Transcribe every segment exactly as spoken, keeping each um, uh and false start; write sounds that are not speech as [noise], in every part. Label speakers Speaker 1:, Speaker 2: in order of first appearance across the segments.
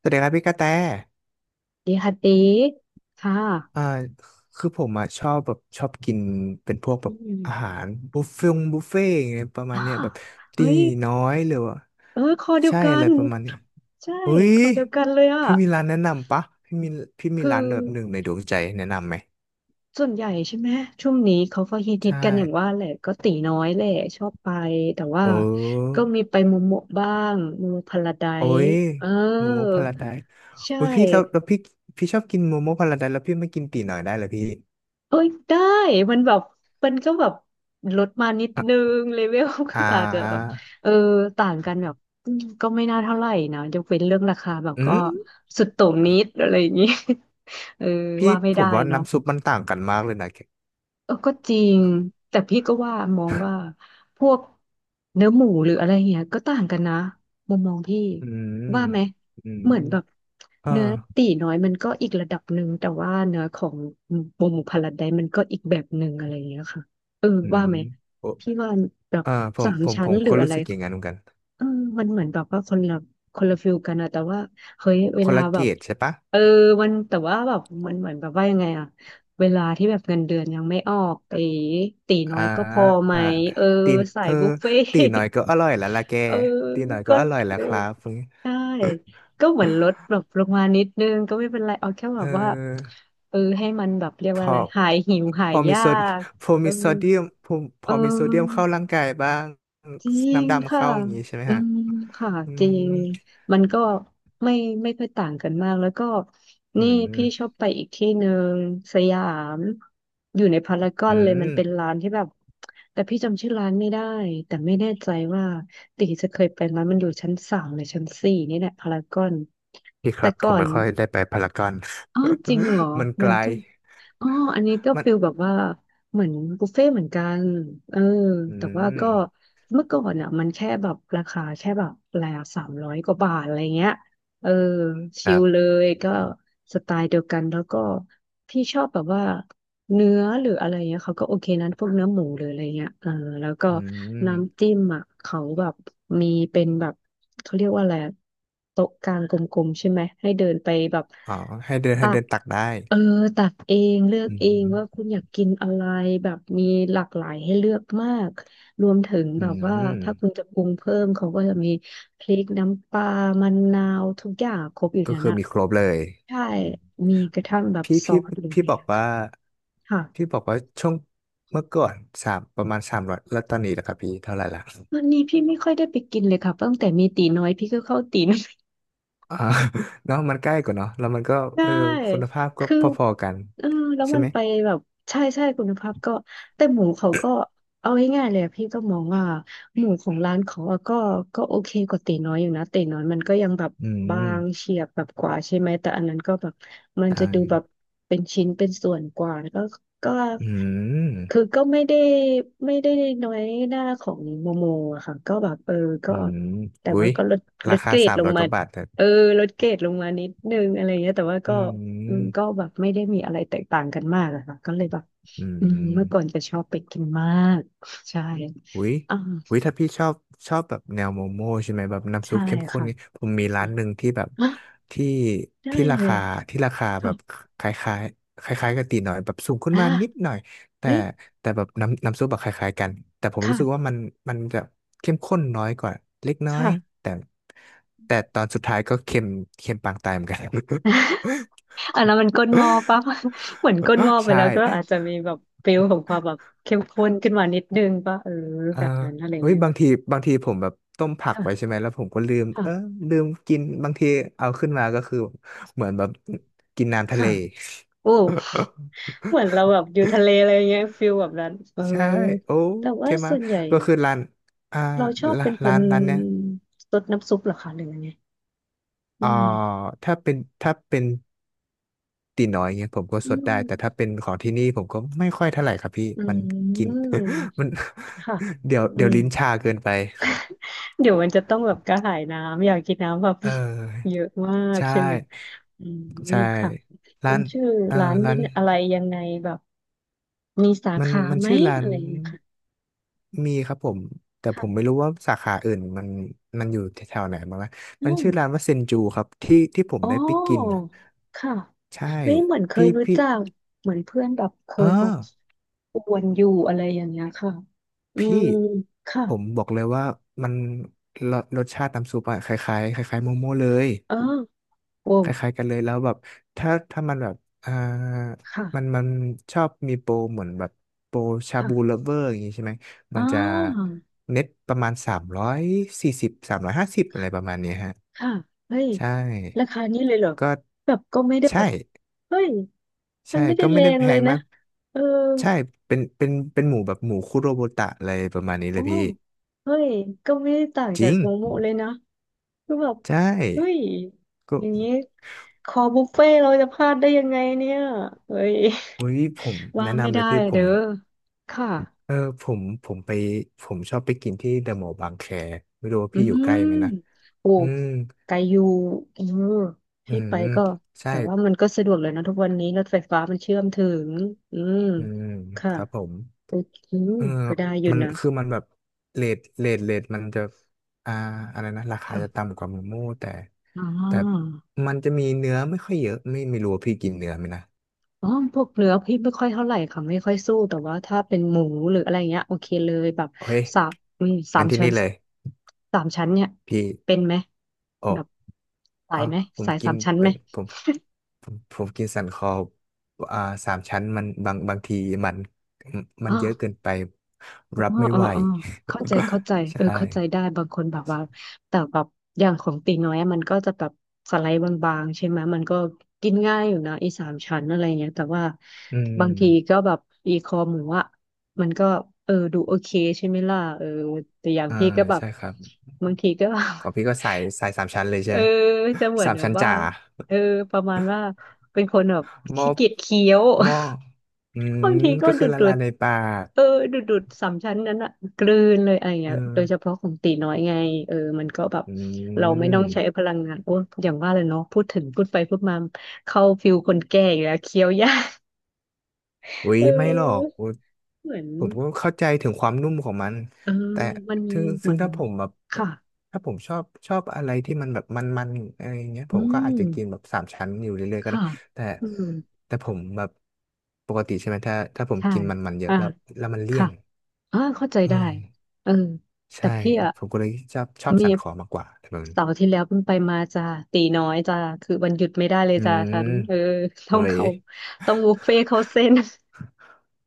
Speaker 1: สวัสดีครับพี่กระแต
Speaker 2: ดีค่ะตีค่
Speaker 1: อ่า
Speaker 2: ะ
Speaker 1: คือผมอ่ะชอบแบบชอบกินเป็นพวกแบ
Speaker 2: อื
Speaker 1: บอาหา
Speaker 2: ม
Speaker 1: รบุฟเฟ่ต์บุฟเฟ่ต์อย่างเงี้ยประมา
Speaker 2: อ้า
Speaker 1: ณเนี้ยแบบ
Speaker 2: เฮ้
Speaker 1: ตี
Speaker 2: ย
Speaker 1: น้อยหรือว่า
Speaker 2: เออ คอเดียว
Speaker 1: ใช่
Speaker 2: กั
Speaker 1: อะไร
Speaker 2: น
Speaker 1: ประมาณนี้
Speaker 2: ใช่
Speaker 1: เฮ้
Speaker 2: ค
Speaker 1: ย
Speaker 2: อเดียวกันเลยอ่ะ
Speaker 1: พี่มีร้านแนะนำปะพี่มีพี่มี
Speaker 2: คือ
Speaker 1: ร้านแบบหนึ่งในดวงใจแนะนำไหม
Speaker 2: ส่วนใหญ่ใช่ไหม ช่วงนี้เขาก็ฮิตฮิต
Speaker 1: ใช่
Speaker 2: กันอย่างว่าแหละก็ตีน้อยแหละชอบไป แต่ว่า
Speaker 1: โอ้
Speaker 2: ก็มีไปโมโมะบ้างโมโมพาราได
Speaker 1: โอ้
Speaker 2: ซ์
Speaker 1: ย
Speaker 2: เออ
Speaker 1: โมโมพาราไดซ์
Speaker 2: ใช่
Speaker 1: โอ้ยพี่แล้วแล้วพี่พี่ชอบกินโมโมพาราไดซ์แล้วพี่ไม่กินตีน้อยได้เหรอพี่
Speaker 2: เอ้ยได้มันแบบมันก็แบบลดมานิดนึ
Speaker 1: อ่ะ
Speaker 2: งเลเวล [laughs] ก็
Speaker 1: อ่
Speaker 2: อาจจะแบบ
Speaker 1: า
Speaker 2: เออต่างกันแบบอืมก็ไม่น่าเท่าไหร่นะยกเว้นเรื่องราคาแบบ
Speaker 1: อื
Speaker 2: ก็
Speaker 1: ม
Speaker 2: สุดโต่งนิดอะไรอย่างนี้ [laughs] เออ
Speaker 1: พี่
Speaker 2: ว่าไม่
Speaker 1: ผ
Speaker 2: ได้
Speaker 1: มว่า
Speaker 2: เนาะ
Speaker 1: น้ำซุปมันต่างกันมากเลยนะแค
Speaker 2: เออก็จริงแต่พี่ก็ว่ามองว่าพวกเนื้อหมูหรืออะไรเงี้ยก็ต่างกันนะมุมมองพี่
Speaker 1: อืม
Speaker 2: ว่าไหม
Speaker 1: อื
Speaker 2: เหมือนแบ
Speaker 1: ม
Speaker 2: บ
Speaker 1: อ่
Speaker 2: เนื้อ
Speaker 1: า
Speaker 2: ตีน้อยมันก็อีกระดับหนึ่งแต่ว่าเนื้อของหมูหมูพาราไดซ์มันก็อีกแบบหนึ่งอะไรเงี้ยค่ะเออ
Speaker 1: อื
Speaker 2: ว่า
Speaker 1: ม
Speaker 2: ไหม
Speaker 1: โอ
Speaker 2: พี่ว่าแบบ
Speaker 1: อ่าผ
Speaker 2: สา
Speaker 1: ม
Speaker 2: ม
Speaker 1: ผม
Speaker 2: ชั้
Speaker 1: ผ
Speaker 2: น
Speaker 1: ม
Speaker 2: หรือ
Speaker 1: ก็
Speaker 2: อะ
Speaker 1: รู้
Speaker 2: ไร
Speaker 1: สึกอย่างนั้นเหมือนกัน
Speaker 2: เออมันเหมือนแบบว่าคนละคนละฟิลกันอะแต่ว่าเฮ้ยเว
Speaker 1: คน
Speaker 2: ลา
Speaker 1: ละ
Speaker 2: แบ
Speaker 1: เกร
Speaker 2: บ
Speaker 1: ดใช่ปะ
Speaker 2: เออมันแต่ว่าแบบมันเหมือนแบบว่ายังไงอะเวลาที่แบบเงินเดือนยังไม่ออกไอตีน้อ
Speaker 1: อ่า
Speaker 2: ยก็พอไหม
Speaker 1: อ่า
Speaker 2: เออ
Speaker 1: ตีน
Speaker 2: สา
Speaker 1: เอ
Speaker 2: ย
Speaker 1: อ
Speaker 2: บุฟเฟ่
Speaker 1: ตีหน่อยก็
Speaker 2: [laughs] ต
Speaker 1: อร่อยแล้วล่ะแก
Speaker 2: เออ
Speaker 1: ตีหน่อยก็
Speaker 2: ก็
Speaker 1: อร่อย
Speaker 2: เอ
Speaker 1: แล้ว
Speaker 2: อ
Speaker 1: ครับ
Speaker 2: ใช่ก็เหมือนลดแบบลงมานิดนึงก็ไม่เป็นไรเอาแค่
Speaker 1: เ
Speaker 2: แบบว่า
Speaker 1: ออ
Speaker 2: เออให้มันแบบเรียก
Speaker 1: พ
Speaker 2: ว่าอะ
Speaker 1: อ
Speaker 2: ไรหายหิวหา
Speaker 1: พ
Speaker 2: ย
Speaker 1: อมี
Speaker 2: ยา
Speaker 1: โซด
Speaker 2: ก
Speaker 1: พอ
Speaker 2: เออ
Speaker 1: มีโซเดียมพอพ
Speaker 2: เอ
Speaker 1: อมีโซเดียมเข้าร่า
Speaker 2: อ
Speaker 1: งกายบ้าง
Speaker 2: จริง
Speaker 1: น้ำดำ
Speaker 2: ค่ะ
Speaker 1: เข้าอย่างนี้ใช่ไหม
Speaker 2: อื
Speaker 1: ฮะ
Speaker 2: มค่ะ
Speaker 1: อื
Speaker 2: จริ
Speaker 1: ม
Speaker 2: ง มันก็ไม่ไม่ค่อยต่างกันมาก แล้วก็
Speaker 1: อื
Speaker 2: นี่พี่ชอ
Speaker 1: ม
Speaker 2: บไปอีกที่หนึ่งสยามอยู่ในพารากอ
Speaker 1: อื
Speaker 2: นเลย มันเป็น
Speaker 1: ม
Speaker 2: ร้านที่แบบแต่พี่จำชื่อร้านไม่ได้ แต่ไม่แน่ใจว่าติจะเคยไปไหมมันอยู่ชั้นสามหรือชั้นสี่นี่แหละพารากอน
Speaker 1: พี่ค
Speaker 2: แต่
Speaker 1: รับ ผ
Speaker 2: ก่อ
Speaker 1: ม
Speaker 2: น
Speaker 1: ไม่ค่อยได้ไปพารากอน
Speaker 2: อ๋อจริงเหรอ
Speaker 1: [laughs] มันไก
Speaker 2: มัน
Speaker 1: ล
Speaker 2: ก็อ๋ออันนี้ก็
Speaker 1: มัน
Speaker 2: ฟิลแบบว่าเหมือนบุฟเฟ่ต์เหมือนกันเออ
Speaker 1: อื
Speaker 2: แต่ว่า
Speaker 1: ม
Speaker 2: ก็เมื่อก่อนอ่ะมันแค่แบบราคาแค่แบบอะไรอะสามร้อยกว่าบาทอะไรเงี้ยเออ
Speaker 1: ค
Speaker 2: ชิ
Speaker 1: รั
Speaker 2: ลเล
Speaker 1: บ
Speaker 2: ยก็สไตล์เดียวกันแล้วก็พี่ชอบแบบว่าเนื้อหรืออะไรเงี้ยเขาก็โอเคนั้นพวกเนื้อหมูหรืออะไรเงี้ยเออแล้วก็
Speaker 1: อืม
Speaker 2: น้ำจิ้มอ่ะเขาแบบมีเป็นแบบ เขาเรียกว่าอะไรอะโต๊ะกลางกลมๆใช่ไหมให้เดินไปแบบ
Speaker 1: อ๋อให้เดินให้
Speaker 2: ตั
Speaker 1: เดิ
Speaker 2: ก
Speaker 1: นตักได้
Speaker 2: เออตักเองเลือก
Speaker 1: อื
Speaker 2: เอง
Speaker 1: ม
Speaker 2: ว่าคุณอยากกินอะไรแบบมีหลากหลายให้เลือกมากรวมถึง
Speaker 1: อื
Speaker 2: แบบว่า
Speaker 1: ม
Speaker 2: ถ้าคุณจะปรุงเพิ่มเขาก็จะมีพริกน้ำปลามะนาวทุกอย่างครบอยู่
Speaker 1: ก็
Speaker 2: นั่น
Speaker 1: คือ
Speaker 2: อะ
Speaker 1: มีครบเลย
Speaker 2: ใช่
Speaker 1: อืม
Speaker 2: มีกระทั่งแบบ
Speaker 1: พี่
Speaker 2: ซอ
Speaker 1: พี่
Speaker 2: สหรืออะ
Speaker 1: พี่
Speaker 2: ไรอย่า
Speaker 1: บ
Speaker 2: ง
Speaker 1: อก
Speaker 2: เงี้ย
Speaker 1: ว่า
Speaker 2: ค่ะค่ะ
Speaker 1: พี่บอกว่าช่วงเมื่อก่อนสามประมาณสามร้อยแล้วตอนนี้ล่ะครับพี่เท่าไหร่ละ
Speaker 2: วันนี้พี่ไม่ค่อยได้ไปกินเลยค่ะตั้งแต่มีตีน้อยพี่ก็เข้าตีน
Speaker 1: [laughs] อ่า [laughs] เนาะมันใกล้กว่าเนาะแล้วมันก็
Speaker 2: ใช่
Speaker 1: เออคุณภาพก็
Speaker 2: คือ
Speaker 1: พอๆกัน
Speaker 2: เออแล้ว
Speaker 1: ใช่
Speaker 2: มัน
Speaker 1: ไหม
Speaker 2: ไปแบบใช่ใช่คุณภาพก็แต่หมูเขาก็เอาง่ายๆเลยอะพี่ก็มองว่าหมูของร้านเขาอะก็ก็โอเคกว่าตีน้อยอยู่นะตีน้อยมันก็ยังแบบ
Speaker 1: อื
Speaker 2: บา
Speaker 1: ม
Speaker 2: งเฉียบแบบกว่าใช่ไหมแต่อันนั้นก็แบบมัน
Speaker 1: ใช่
Speaker 2: จะดูแบบเป็นชิ้นเป็นส่วนกว่าแล้วก็ก็
Speaker 1: อื
Speaker 2: คือ
Speaker 1: ม
Speaker 2: ก็ไม่ได้ไม่ได้น้อยหน้าของโมโมอะค่ะก็แบบเออก็
Speaker 1: อืม
Speaker 2: แต่
Speaker 1: อุ๊
Speaker 2: ว่า
Speaker 1: ย
Speaker 2: ก็ลดล
Speaker 1: รา
Speaker 2: ดเก
Speaker 1: คา
Speaker 2: รด
Speaker 1: สาม
Speaker 2: ลง
Speaker 1: ร้อยก
Speaker 2: มา
Speaker 1: ว่าบาทแต่
Speaker 2: เออลดเกรดลงมานิดนึงอะไรเงี้ยแต่ว่า
Speaker 1: อื
Speaker 2: ก็อืมก็
Speaker 1: ม
Speaker 2: แบบไม่ได้มีอะไรแตกต่างกันมากอะค่ะก็เลยแบบ
Speaker 1: อื
Speaker 2: อืมเมื่อก่อน
Speaker 1: ม
Speaker 2: จะชอบไปกินมากใช่
Speaker 1: อุ้ย
Speaker 2: อ่า
Speaker 1: อุ้ยถ้าพี่ชอบชอบแบบแนวโมโม่ใช่ไหมแบบน้ำซุ
Speaker 2: ใช่
Speaker 1: ปเข้มข้น
Speaker 2: ค่ะ
Speaker 1: ไงผมมีร้านหนึ่งที่แบบ
Speaker 2: อ่ะ
Speaker 1: ที่
Speaker 2: ได้
Speaker 1: ที่รา
Speaker 2: เลย
Speaker 1: คาที่ราคาแบบ
Speaker 2: ค่ะ
Speaker 1: คล้ายๆคล้ายๆกับตีหน่อยแบบสูงขึ้นมานิด
Speaker 2: อ่า
Speaker 1: หน่อยแต่
Speaker 2: เฮ้ย
Speaker 1: แต่แบบน้ำน้ำซุปแบบคล้ายๆกันแต่ผมรู้สึกว่า
Speaker 2: ค่ะ
Speaker 1: มันมันจะเข้มข้นน้อยกว่าเล็กน้อย
Speaker 2: ค่ะ
Speaker 1: แต่แต่ตอนสุดท้ายก็เค็มเค็มปางตายเหมือนกัน
Speaker 2: [laughs] อันนั้นมันก้นหม้อ
Speaker 1: [laughs]
Speaker 2: ปะ [laughs] เหมือนก้นหม้อไป
Speaker 1: ใช่
Speaker 2: แล้วก็อาจจะมีแบบฟิลของความแบบเข้มข้นขึ้นมานิดนึงปะเออ
Speaker 1: อ่า
Speaker 2: แบบนั้นอะไร
Speaker 1: เฮ้ย
Speaker 2: เงี้ย
Speaker 1: บางที
Speaker 2: ค่ะ
Speaker 1: บางทีผมแบบต้มผักไว้ใช่
Speaker 2: ค่ะ
Speaker 1: ไหมแล้วผมก็ลืม
Speaker 2: ค่ะ
Speaker 1: เออลืมกินบางทีเอาขึ้นมาก็คือเหมือนแบบกินน้ำทะเล
Speaker 2: ค่ะโอ้ เหมือนเราแบบอยู่ทะเล
Speaker 1: [laughs]
Speaker 2: อะไรเงี้ยฟิลแบบนั้นเออ
Speaker 1: ใช่โอ้
Speaker 2: แต่
Speaker 1: เค
Speaker 2: ว่า
Speaker 1: มา
Speaker 2: ส่วนใหญ่
Speaker 1: ก็คือร้านอ่า
Speaker 2: เราชอบ
Speaker 1: ร้า
Speaker 2: เป็
Speaker 1: น
Speaker 2: นค
Speaker 1: ร้า
Speaker 2: น
Speaker 1: นร้านเนี้ย
Speaker 2: ซดน้ำซุปเหรอคะหรือยังไงอื
Speaker 1: อ่า
Speaker 2: ม
Speaker 1: ถ้าเป็นถ้าเป็นตีน้อยเงี้ยผมก็
Speaker 2: อื
Speaker 1: สดได้
Speaker 2: ม
Speaker 1: แต่ถ้าเป็นของที่นี่ผมก็ไม่ค่อยเท่าไหร่ครับพี่
Speaker 2: อื
Speaker 1: มันกิน [laughs]
Speaker 2: ม
Speaker 1: มัน
Speaker 2: ค่ะ
Speaker 1: [laughs] เดี๋ยว
Speaker 2: อื
Speaker 1: เดี๋ยว
Speaker 2: ม
Speaker 1: ลิ้นชาเกินไป
Speaker 2: เดี๋ยวมันจะต้องแบบกระหายน้ำอยากกินน้ำแบบ
Speaker 1: เอ
Speaker 2: [laughs]
Speaker 1: อ
Speaker 2: เยอะมาก
Speaker 1: ใช่
Speaker 2: ใช่ไหมอืม
Speaker 1: ใช่
Speaker 2: ค่ะ
Speaker 1: ร้า
Speaker 2: มัน
Speaker 1: น
Speaker 2: ชื่อ
Speaker 1: เอ่อ
Speaker 2: ร้าน
Speaker 1: ร้า
Speaker 2: นี้
Speaker 1: น
Speaker 2: อะไรยังไงแบบมีสา
Speaker 1: มัน
Speaker 2: ขา
Speaker 1: มัน
Speaker 2: ไหม
Speaker 1: ชื่อร้า
Speaker 2: อะ
Speaker 1: น
Speaker 2: ไรอย่างเงี้ยค่ะ
Speaker 1: มีครับผมแต่ผมไม่
Speaker 2: ค่ะ
Speaker 1: รู้ว่าสาขาอื่นมันมันอยู่แถวๆไหนบ้างนะ
Speaker 2: อื
Speaker 1: มัน
Speaker 2: ม
Speaker 1: ชื่อร้านว่าเซนจูครับที่ที่ผม
Speaker 2: อ๋
Speaker 1: ได้ไปกิน
Speaker 2: อ
Speaker 1: น่ะ
Speaker 2: ค่ะ
Speaker 1: ใช่
Speaker 2: เฮ้ยเหมือนเคย
Speaker 1: พี่
Speaker 2: รู้
Speaker 1: พี่
Speaker 2: จักเหมือนเพื่อนแบบเค
Speaker 1: เออ
Speaker 2: ยแบบอวนอยู่อะไรอย่างเงี้ยค่ะอื
Speaker 1: พี่
Speaker 2: มค่ะ
Speaker 1: ผมบอกเลยว่ามันรสรสชาติน้ำซุปอะคล้ายๆคล้ายๆโมโม่เลย
Speaker 2: อ๋อโว้
Speaker 1: คล้ายๆกันเลยแล้วแบบถ้าถ้ามันแบบอ่ามัน
Speaker 2: ค่ะ
Speaker 1: มันชอบมีโปรเหมือนแบบโปรชาบูเล
Speaker 2: ค่ะ
Speaker 1: เวอร์อย่างงี้ใช่ไหม
Speaker 2: อ๋
Speaker 1: มัน
Speaker 2: อ
Speaker 1: จะเน็ตประมาณสามร้อยสี่สิบสามร้อยห้าสิบอะไรประมาณเนี้ยฮะ
Speaker 2: ค่ะเฮ้ย
Speaker 1: ใช่
Speaker 2: ราคานี้เลยเหรอ
Speaker 1: ก็
Speaker 2: แบบก็ไม่ได้แบ
Speaker 1: ใช่
Speaker 2: บเฮ้ยมั
Speaker 1: ใช่
Speaker 2: นไม่ได้
Speaker 1: ก็ไม่
Speaker 2: แร
Speaker 1: ได้
Speaker 2: ง
Speaker 1: แพ
Speaker 2: เลย
Speaker 1: ง
Speaker 2: นะ
Speaker 1: มาก
Speaker 2: เออ
Speaker 1: ใช่เป็นเป็นเป็นหมูแบบหมูคุโรบุตะอะไรประมาณนี้เล
Speaker 2: โอ้
Speaker 1: ยพี่
Speaker 2: เฮ้ยก็ไม่ได้ต่าง
Speaker 1: จ
Speaker 2: จา
Speaker 1: ริ
Speaker 2: ก
Speaker 1: ง
Speaker 2: โมโมเลยนะ คือแบบ
Speaker 1: ใช่
Speaker 2: เฮ้ย
Speaker 1: ก็
Speaker 2: อย่างนี้คอบุฟเฟ่ต์เราจะพลาดได้ยังไงเนี่ยเฮ้ย
Speaker 1: อุ้ยผม
Speaker 2: [laughs] ว่า
Speaker 1: แนะ
Speaker 2: ไม่
Speaker 1: นำเล
Speaker 2: ได้
Speaker 1: ยพี่ผ
Speaker 2: เด้
Speaker 1: ม
Speaker 2: อค่ะ
Speaker 1: เออผมผมไปผมชอบไปกินที่เดอะมอลล์บางแคไม่รู้ว่า
Speaker 2: อื
Speaker 1: พี่อยู่ใก
Speaker 2: ม
Speaker 1: ล้ไหมนะ
Speaker 2: โอ้
Speaker 1: อืม
Speaker 2: ไกลอยูเออ
Speaker 1: อื
Speaker 2: ที่ไป
Speaker 1: ม
Speaker 2: ก็
Speaker 1: ใช่
Speaker 2: แต่ว่ามันก็สะดวกเลยนะทุกวันนี้รถไฟฟ้ามันเชื่อมถึง อืม
Speaker 1: อืม
Speaker 2: ค่ะ
Speaker 1: ครับผม
Speaker 2: โอเค
Speaker 1: เออ
Speaker 2: ก็ได้อยู่
Speaker 1: มัน
Speaker 2: นะ
Speaker 1: คือมันแบบเรทเรทเรทมันจะอ่าอะไรนะราคาจะ
Speaker 2: ค่ะ
Speaker 1: ต่ำกว่าหมูโม่แต่
Speaker 2: อ๋อ
Speaker 1: แต่มันจะมีเนื้อไม่ค่อยเยอะไม่ไม่รู้ว่าพี่กินเนื้อไหมนะ
Speaker 2: อ๋อพวกเนื้อพี่ไม่ค่อยเท่าไหร่ค่ะไม่ค่อยสู้แต่ว่าถ้าเป็นหมูหรืออะไรเงี้ยโอเคเลยแบบ
Speaker 1: โอ้ย
Speaker 2: สามอืมสา
Speaker 1: งั้
Speaker 2: ม
Speaker 1: นที่
Speaker 2: ชั้
Speaker 1: นี่
Speaker 2: น
Speaker 1: เลย
Speaker 2: สามชั้นเนี่ย
Speaker 1: พี่
Speaker 2: เป็นไหม
Speaker 1: โอ
Speaker 2: แบบ
Speaker 1: ้
Speaker 2: สา
Speaker 1: อ๋
Speaker 2: ย
Speaker 1: อ
Speaker 2: ไหม
Speaker 1: ผม
Speaker 2: สาย
Speaker 1: กิ
Speaker 2: สา
Speaker 1: น
Speaker 2: มชั้นไห
Speaker 1: เป็
Speaker 2: ม
Speaker 1: นผมผมผมกินสันคออ่าสามชั้นมันบางบางทีมันมั
Speaker 2: อ๋
Speaker 1: น
Speaker 2: อ
Speaker 1: เยอะเกินไป
Speaker 2: อ๋อ
Speaker 1: รับไม่
Speaker 2: อ๋อ
Speaker 1: ไหว
Speaker 2: อ๋อเข้าใจเข้าใจ
Speaker 1: [laughs]
Speaker 2: เออ
Speaker 1: ใช่
Speaker 2: เข้าใจได้บางคนแบบว่าแต่แบบอย่างของตีน้อยอะมันก็จะแบบสไลด์บางๆใช่ไหมมันก็กินง่ายอยู่นะอีสามชั้นอะไรเงี้ยแต่ว่า
Speaker 1: อื
Speaker 2: บา
Speaker 1: ม
Speaker 2: งทีก็แบบอีคอหมูอ่ะมันก็เออดูโอเคใช่ไหมล่ะเออแต่อย่าง
Speaker 1: อ่า
Speaker 2: พี่ก็แบบ
Speaker 1: ใช่ครับ
Speaker 2: บางทีก็
Speaker 1: ของพี่ก็
Speaker 2: [laughs]
Speaker 1: ใส่ใส่สามชั้นเลย
Speaker 2: เอ
Speaker 1: ใช่
Speaker 2: อ
Speaker 1: ไหม
Speaker 2: จะเหมื
Speaker 1: [laughs]
Speaker 2: อน
Speaker 1: สาม
Speaker 2: แบบ
Speaker 1: ชั้น
Speaker 2: ว่า
Speaker 1: จ๋า
Speaker 2: เออประมาณว่าเป็นคนแบบ
Speaker 1: [laughs] หม้อ
Speaker 2: ขี้เกียจเคี้ยว
Speaker 1: หม้ออืม
Speaker 2: บางทีก็
Speaker 1: ก็
Speaker 2: ดู
Speaker 1: คือ
Speaker 2: ด
Speaker 1: ละ
Speaker 2: ดู
Speaker 1: ลาย
Speaker 2: ด
Speaker 1: ในปาก
Speaker 2: เออดูดดูดสามชั้นนั้นอะกลืนเลยอะไรอย่าง
Speaker 1: เอ
Speaker 2: เงี้ยโด
Speaker 1: อ
Speaker 2: ยเฉพาะของตีน้อยไงเออมันก็แบบ
Speaker 1: อื
Speaker 2: เราไม่ต้องใช้
Speaker 1: ม
Speaker 2: พลังงานโอ้ยอย่างว่าเลยเนาะพูดถึงพูดไปพูดมาเข้าฟิลคนแก่อยู่แล้วเคี้ยวยาก
Speaker 1: อุ๊ย
Speaker 2: เ
Speaker 1: ไม่หรอก
Speaker 2: ออ
Speaker 1: อุ๊ย
Speaker 2: เหมือน
Speaker 1: ผมก็เข้าใจถึงความนุ่มของมัน
Speaker 2: เออ
Speaker 1: แต่
Speaker 2: มัน
Speaker 1: ซึ่ง
Speaker 2: เหมื
Speaker 1: ซึ่
Speaker 2: อ
Speaker 1: ง
Speaker 2: น
Speaker 1: ถ้าผมแบบเอ่อ
Speaker 2: ค่ะ
Speaker 1: ถ้าผมชอบชอบอะไรที่มันแบบมันๆอะไรอย่างเงี้ยผ
Speaker 2: อื
Speaker 1: มก็อาจ
Speaker 2: ม
Speaker 1: จะกินแบบสามชั้นอยู่เรื่อยๆก็ได้
Speaker 2: ค่ะ
Speaker 1: แต่
Speaker 2: อืม
Speaker 1: แต่ผมแบบปกติใช่ไหมถ้าถ้าผม
Speaker 2: ใช่
Speaker 1: กินมันๆเยอะ
Speaker 2: อ่า
Speaker 1: แล้วแล้วมันเลี่ย
Speaker 2: ค่ะ
Speaker 1: น
Speaker 2: อ่าเข้าใจ
Speaker 1: อื
Speaker 2: ได้
Speaker 1: ม
Speaker 2: เออแต่
Speaker 1: ใช่
Speaker 2: พี่อะ
Speaker 1: ผมก็เลยชอบชอบ
Speaker 2: มี
Speaker 1: สันคอมากกว่าแต่มัน
Speaker 2: เสาร์ที่แล้วเพิ่งไปมาจ้าตีน้อยจ้าคือวันหยุดไม่ได้เลย
Speaker 1: อื
Speaker 2: จ้า
Speaker 1: ม
Speaker 2: ฉันเออ [laughs] ต้อ
Speaker 1: เฮ้
Speaker 2: ง
Speaker 1: ย
Speaker 2: เขาต้องบุฟเฟ่ต์เขาเส้น [laughs]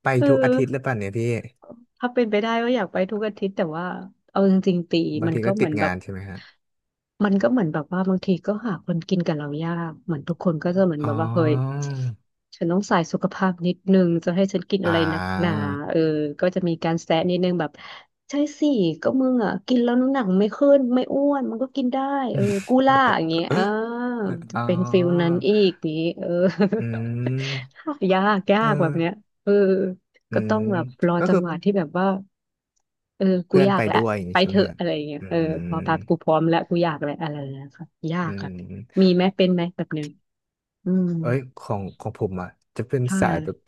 Speaker 1: ไป
Speaker 2: เออ
Speaker 1: ทุกอาทิตย์หรือเปล่าเนี่ยพี่
Speaker 2: ถ้าเป็นไปได้ก็อยากไปทุกอาทิตย์แต่ว่าเอาจริงๆตี
Speaker 1: บาง
Speaker 2: มัน
Speaker 1: ที
Speaker 2: ก็
Speaker 1: ก็
Speaker 2: เห
Speaker 1: ติ
Speaker 2: มือ
Speaker 1: ด
Speaker 2: นแบ
Speaker 1: งา
Speaker 2: บ
Speaker 1: นใช่ไหมฮะ
Speaker 2: มันก็เหมือนแบบว่าบางทีก็หาคนกินกับเรายากเหมือนทุกคนก็จะเหมือน
Speaker 1: อ๋
Speaker 2: แบบว่าเฮ้ย
Speaker 1: อ
Speaker 2: ฉันต้องใส่สุขภาพนิดนึงจะให้ฉันกิน
Speaker 1: อ่
Speaker 2: อะไรหนักหนา
Speaker 1: า
Speaker 2: เออก็จะมีการแซะนิดนึงแบบใช่สิก็มึงอ่ะกินแล้วน้ำหนักไม่ขึ้นไม่อ้วนมันก็กินได้เออกูล่าอย่างเงี้ยอ่าจะ
Speaker 1: อ๋อ
Speaker 2: เป็นฟิลนั้นอีกนี้เออ
Speaker 1: อืม
Speaker 2: [laughs] ยากยา
Speaker 1: เอ
Speaker 2: กแบ
Speaker 1: อ
Speaker 2: บเนี้ยเออ
Speaker 1: อื
Speaker 2: ก็ต้อ
Speaker 1: ม
Speaker 2: งแบบรอ
Speaker 1: ก็
Speaker 2: จั
Speaker 1: คื
Speaker 2: ง
Speaker 1: อ
Speaker 2: หวะที่แบบว่าเออกู
Speaker 1: เพื่อ
Speaker 2: อ
Speaker 1: น
Speaker 2: ยา
Speaker 1: ไป
Speaker 2: กแล้ว
Speaker 1: ด้วยอย่าง
Speaker 2: ไป
Speaker 1: นี้ใช่
Speaker 2: เถ
Speaker 1: ไหม
Speaker 2: อะ
Speaker 1: ครับ
Speaker 2: อะไรอย่างเงี้ย
Speaker 1: อื
Speaker 2: เออพอแป๊บกู
Speaker 1: ม
Speaker 2: พร้อมแล้วกูอยากแล้วอะไรอย่างเงี้ยค่ะยา
Speaker 1: อื
Speaker 2: กค่ะมี
Speaker 1: ม
Speaker 2: ไหมเป็นไหมแบบนึงอืม
Speaker 1: เอ้ยของของผมอ่ะจะเป็น
Speaker 2: ค่
Speaker 1: สายแบบ
Speaker 2: ะ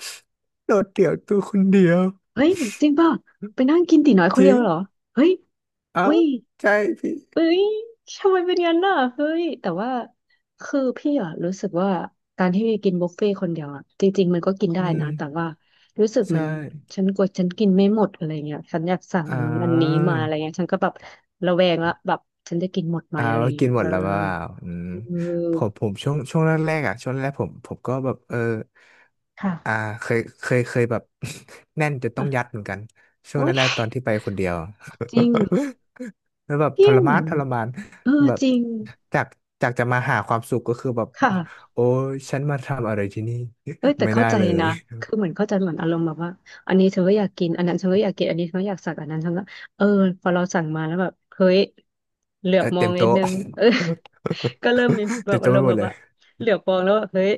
Speaker 1: โดดเดี่ยวตัวคนเดียว
Speaker 2: เฮ้ยจริงป่ะไปนั่งกินตี๋น้อยค
Speaker 1: จ
Speaker 2: นเดี
Speaker 1: ริ
Speaker 2: ยว
Speaker 1: ง
Speaker 2: เหรอเฮ้ย
Speaker 1: เอ้า
Speaker 2: อุ้ย
Speaker 1: ใช่พี่
Speaker 2: เอ้ยทำไมเป็นยงั้นน่ะเฮ้ยแต่ว่าคือพี่อะรู้สึกว่าการที่กินบุฟเฟ่ต์คนเดียวอะจริงๆมันก็กินได้
Speaker 1: อื
Speaker 2: นะแต่
Speaker 1: ม
Speaker 2: ว่ารู้สึกเหมื
Speaker 1: ใช่
Speaker 2: อนฉันกลัวฉันกินไม่หมดอะไรเงี้ยฉันอยากสั่งอั
Speaker 1: อ่า
Speaker 2: นนู้นอันนี้มาอะไรเงี้ยฉันก็แบบระแวงละแบบฉันจะกินหมดไหม
Speaker 1: อ่า
Speaker 2: อะไร
Speaker 1: ว่ากิ
Speaker 2: เงี้ย
Speaker 1: นหม
Speaker 2: เอ
Speaker 1: ด
Speaker 2: อ
Speaker 1: แล้วว่าอืม
Speaker 2: เ
Speaker 1: ผ
Speaker 2: ออ
Speaker 1: มผมช่วงช่วงแรกๆอ่ะช่วงแรกๆผมผมก็แบบเออ
Speaker 2: ค่ะ
Speaker 1: อ่าเคยเคยเคยแบบ [laughs] แน่นจนต้องยัด
Speaker 2: อ่ะ
Speaker 1: เหมือนกันช่วง
Speaker 2: โอ้ย
Speaker 1: แรกๆตอนที่ไปคนเดียว
Speaker 2: จริง
Speaker 1: [laughs] แล้วแบบท
Speaker 2: พี่
Speaker 1: ร
Speaker 2: เห
Speaker 1: มา
Speaker 2: มื
Speaker 1: น
Speaker 2: อน
Speaker 1: ทรมาน
Speaker 2: เออ
Speaker 1: แบบ
Speaker 2: จริง
Speaker 1: จากจากจะมาหาความสุขก็คือแบบ
Speaker 2: ค่ะ
Speaker 1: โอ้ยฉันมาทำอะไรที่นี่
Speaker 2: เอ้ย
Speaker 1: [laughs]
Speaker 2: แต่
Speaker 1: ไม่
Speaker 2: เข้า
Speaker 1: ได้
Speaker 2: ใจ
Speaker 1: เลย
Speaker 2: นะคือเหมือนเข้าใจเหมือนอารมณ์แบบว่าอันนี้เธอก็อยากกินอันนั้นเธอก็อยากกินอันนี้เธอก็อยากสั่งอันนั้นเธอก็เออพอเราสั่งมาแล้วแบบเฮ้ยเหลือ
Speaker 1: เอ
Speaker 2: บ
Speaker 1: อ
Speaker 2: มอ
Speaker 1: เต็
Speaker 2: ง
Speaker 1: ม
Speaker 2: นิด
Speaker 1: โต๊ะ
Speaker 2: นึงเออ [laughs] ก็เริ่มมี
Speaker 1: [laughs]
Speaker 2: แบ
Speaker 1: เต็
Speaker 2: บ
Speaker 1: ม
Speaker 2: อา
Speaker 1: โต๊ะ
Speaker 2: ร
Speaker 1: ไป
Speaker 2: มณ์
Speaker 1: หม
Speaker 2: แบ
Speaker 1: ด
Speaker 2: บ
Speaker 1: เลย
Speaker 2: ว่าเหลือบมองแล้วแบบเฮ้ย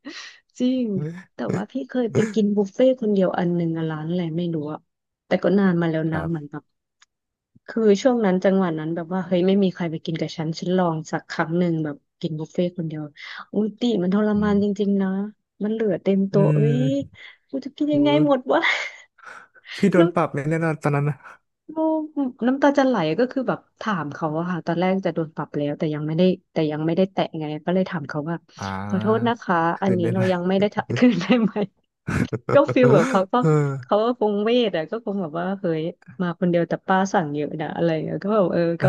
Speaker 2: [laughs] จริงแต่ว่าพี่เคยไปกินบุฟเฟ่ต์คนเดียวอันหนึ่งอะร้านอะไรไม่รู้อะแต่ก็นานมาแล้ว
Speaker 1: [laughs] ค
Speaker 2: นะ
Speaker 1: รั
Speaker 2: เหมือนแบ
Speaker 1: บ
Speaker 2: บ คือช่วงนั้นจังหวะนั้นแบบว่าเฮ้ยไม่มีใครไปกินกับฉันฉันลองสักครั้งหนึ่งแบบกินบุฟเฟ่ต์คนเดียวอุ้ยติมันทร
Speaker 1: อื
Speaker 2: มาน
Speaker 1: ม
Speaker 2: จริงๆนะมันเหลือเต็ม
Speaker 1: อื
Speaker 2: โต๊ะเอ้ย
Speaker 1: ม
Speaker 2: กูจะกิน
Speaker 1: โอ
Speaker 2: ยังไง
Speaker 1: ้
Speaker 2: หมดวะ
Speaker 1: พี่
Speaker 2: [laughs]
Speaker 1: โด
Speaker 2: น้
Speaker 1: นปรับไหมแน่นอนตอนนั้นนะ
Speaker 2: โอ้น้ำตาจะไหลก็คือแบบถามเขาอะค่ะตอนแรกจะโดนปรับแล้วแต่ยังไม่ได้แต่ยังไม่ได้แตะไงก็เลยถามเขาว่า
Speaker 1: อ่
Speaker 2: ขอโทษนะ
Speaker 1: า
Speaker 2: คะอั
Speaker 1: คื
Speaker 2: น
Speaker 1: น
Speaker 2: นี้
Speaker 1: ได้
Speaker 2: เรา
Speaker 1: ไหม
Speaker 2: ยังไม่ได้ทะ [laughs] คืนได้ไหมก็ฟิลแบบเขา
Speaker 1: [laughs]
Speaker 2: ก็
Speaker 1: เออ
Speaker 2: เขาก็คงเวทอะก็คงแบบว่าเฮ้ยมาคนเดียวแต่ป้าสั่งเยอะนะอะไรอย่างเงี้ยก็แบบเออ
Speaker 1: เอ
Speaker 2: ก็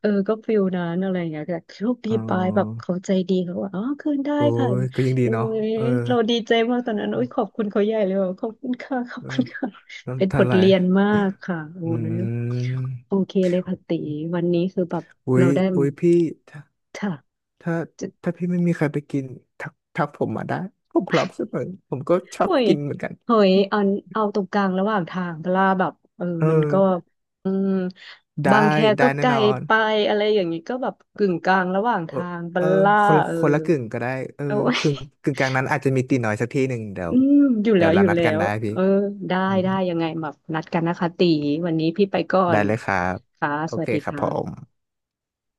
Speaker 2: เออก็ฟิลนั้นอะไรอย่างเงี้ยแต่โชคดี
Speaker 1: เอ
Speaker 2: ไปแบบ
Speaker 1: อ
Speaker 2: เขาใจดีเขาว่าอ๋อคืนได้
Speaker 1: โอ้
Speaker 2: ค่ะ
Speaker 1: ยก็ยังดี
Speaker 2: โอ้
Speaker 1: เนาะ
Speaker 2: ย
Speaker 1: เออ
Speaker 2: เราดีใจมากตอนนั้นโอุ้ยขอบคุณเขาใหญ่เลยแบบขอบคุณค่ะขอบ
Speaker 1: เอ
Speaker 2: คุ
Speaker 1: อ
Speaker 2: ณค่ะ เป็น
Speaker 1: น้ำตา
Speaker 2: บท
Speaker 1: ไหล
Speaker 2: เรียนมากค่ะโอ้
Speaker 1: อื
Speaker 2: ยโอ
Speaker 1: ม
Speaker 2: เคเลยค่ะติวันนี้คือแบบ
Speaker 1: อุ้
Speaker 2: เรา
Speaker 1: ย
Speaker 2: ได้
Speaker 1: อุ้ยพี่ถ้า
Speaker 2: ค่ะ
Speaker 1: ถ้า
Speaker 2: จะ
Speaker 1: ถ้าพี่ไม่มีใครไปกินทักทักผมมาได้ ผมพร้อมเสมอผมก็ชอบ
Speaker 2: โอ้ย
Speaker 1: กินเหมือนกัน
Speaker 2: โอ้ยเอาเอาตรงกลางระหว่างทางเวลาแบบเออ
Speaker 1: เอ
Speaker 2: มันก็
Speaker 1: อ
Speaker 2: อืม
Speaker 1: ได้
Speaker 2: บางแค
Speaker 1: ได้
Speaker 2: ก็
Speaker 1: แน่
Speaker 2: ไกล
Speaker 1: นอน
Speaker 2: ไปอะไรอย่างนี้ก็แบบกึ่งกลางระหว่าง
Speaker 1: เออ
Speaker 2: ทางบั
Speaker 1: เอ
Speaker 2: ล
Speaker 1: อ
Speaker 2: ล่า
Speaker 1: คนละ
Speaker 2: เออ
Speaker 1: คนละกึ่งก็ได้เออ
Speaker 2: โอ้ย
Speaker 1: ครึ่งกึ่งกลางนั้นอาจจะมีตีน้อยสักที่หนึ่งเดี๋ยว
Speaker 2: อืมอยู่
Speaker 1: เดี๋
Speaker 2: แล้
Speaker 1: ยว
Speaker 2: วอ
Speaker 1: เรา
Speaker 2: ยู่
Speaker 1: นัด
Speaker 2: แล้
Speaker 1: กัน
Speaker 2: ว
Speaker 1: ได้พี่
Speaker 2: เออได้
Speaker 1: อืม
Speaker 2: ได้ยังไงแบบนัดกันนะคะตีวันนี้พี่ไปก่อ
Speaker 1: ได้
Speaker 2: น
Speaker 1: เลยครับ
Speaker 2: ค่ะ
Speaker 1: โอ
Speaker 2: สวั
Speaker 1: เค
Speaker 2: สดี
Speaker 1: ครับผ
Speaker 2: ค่ะ
Speaker 1: ม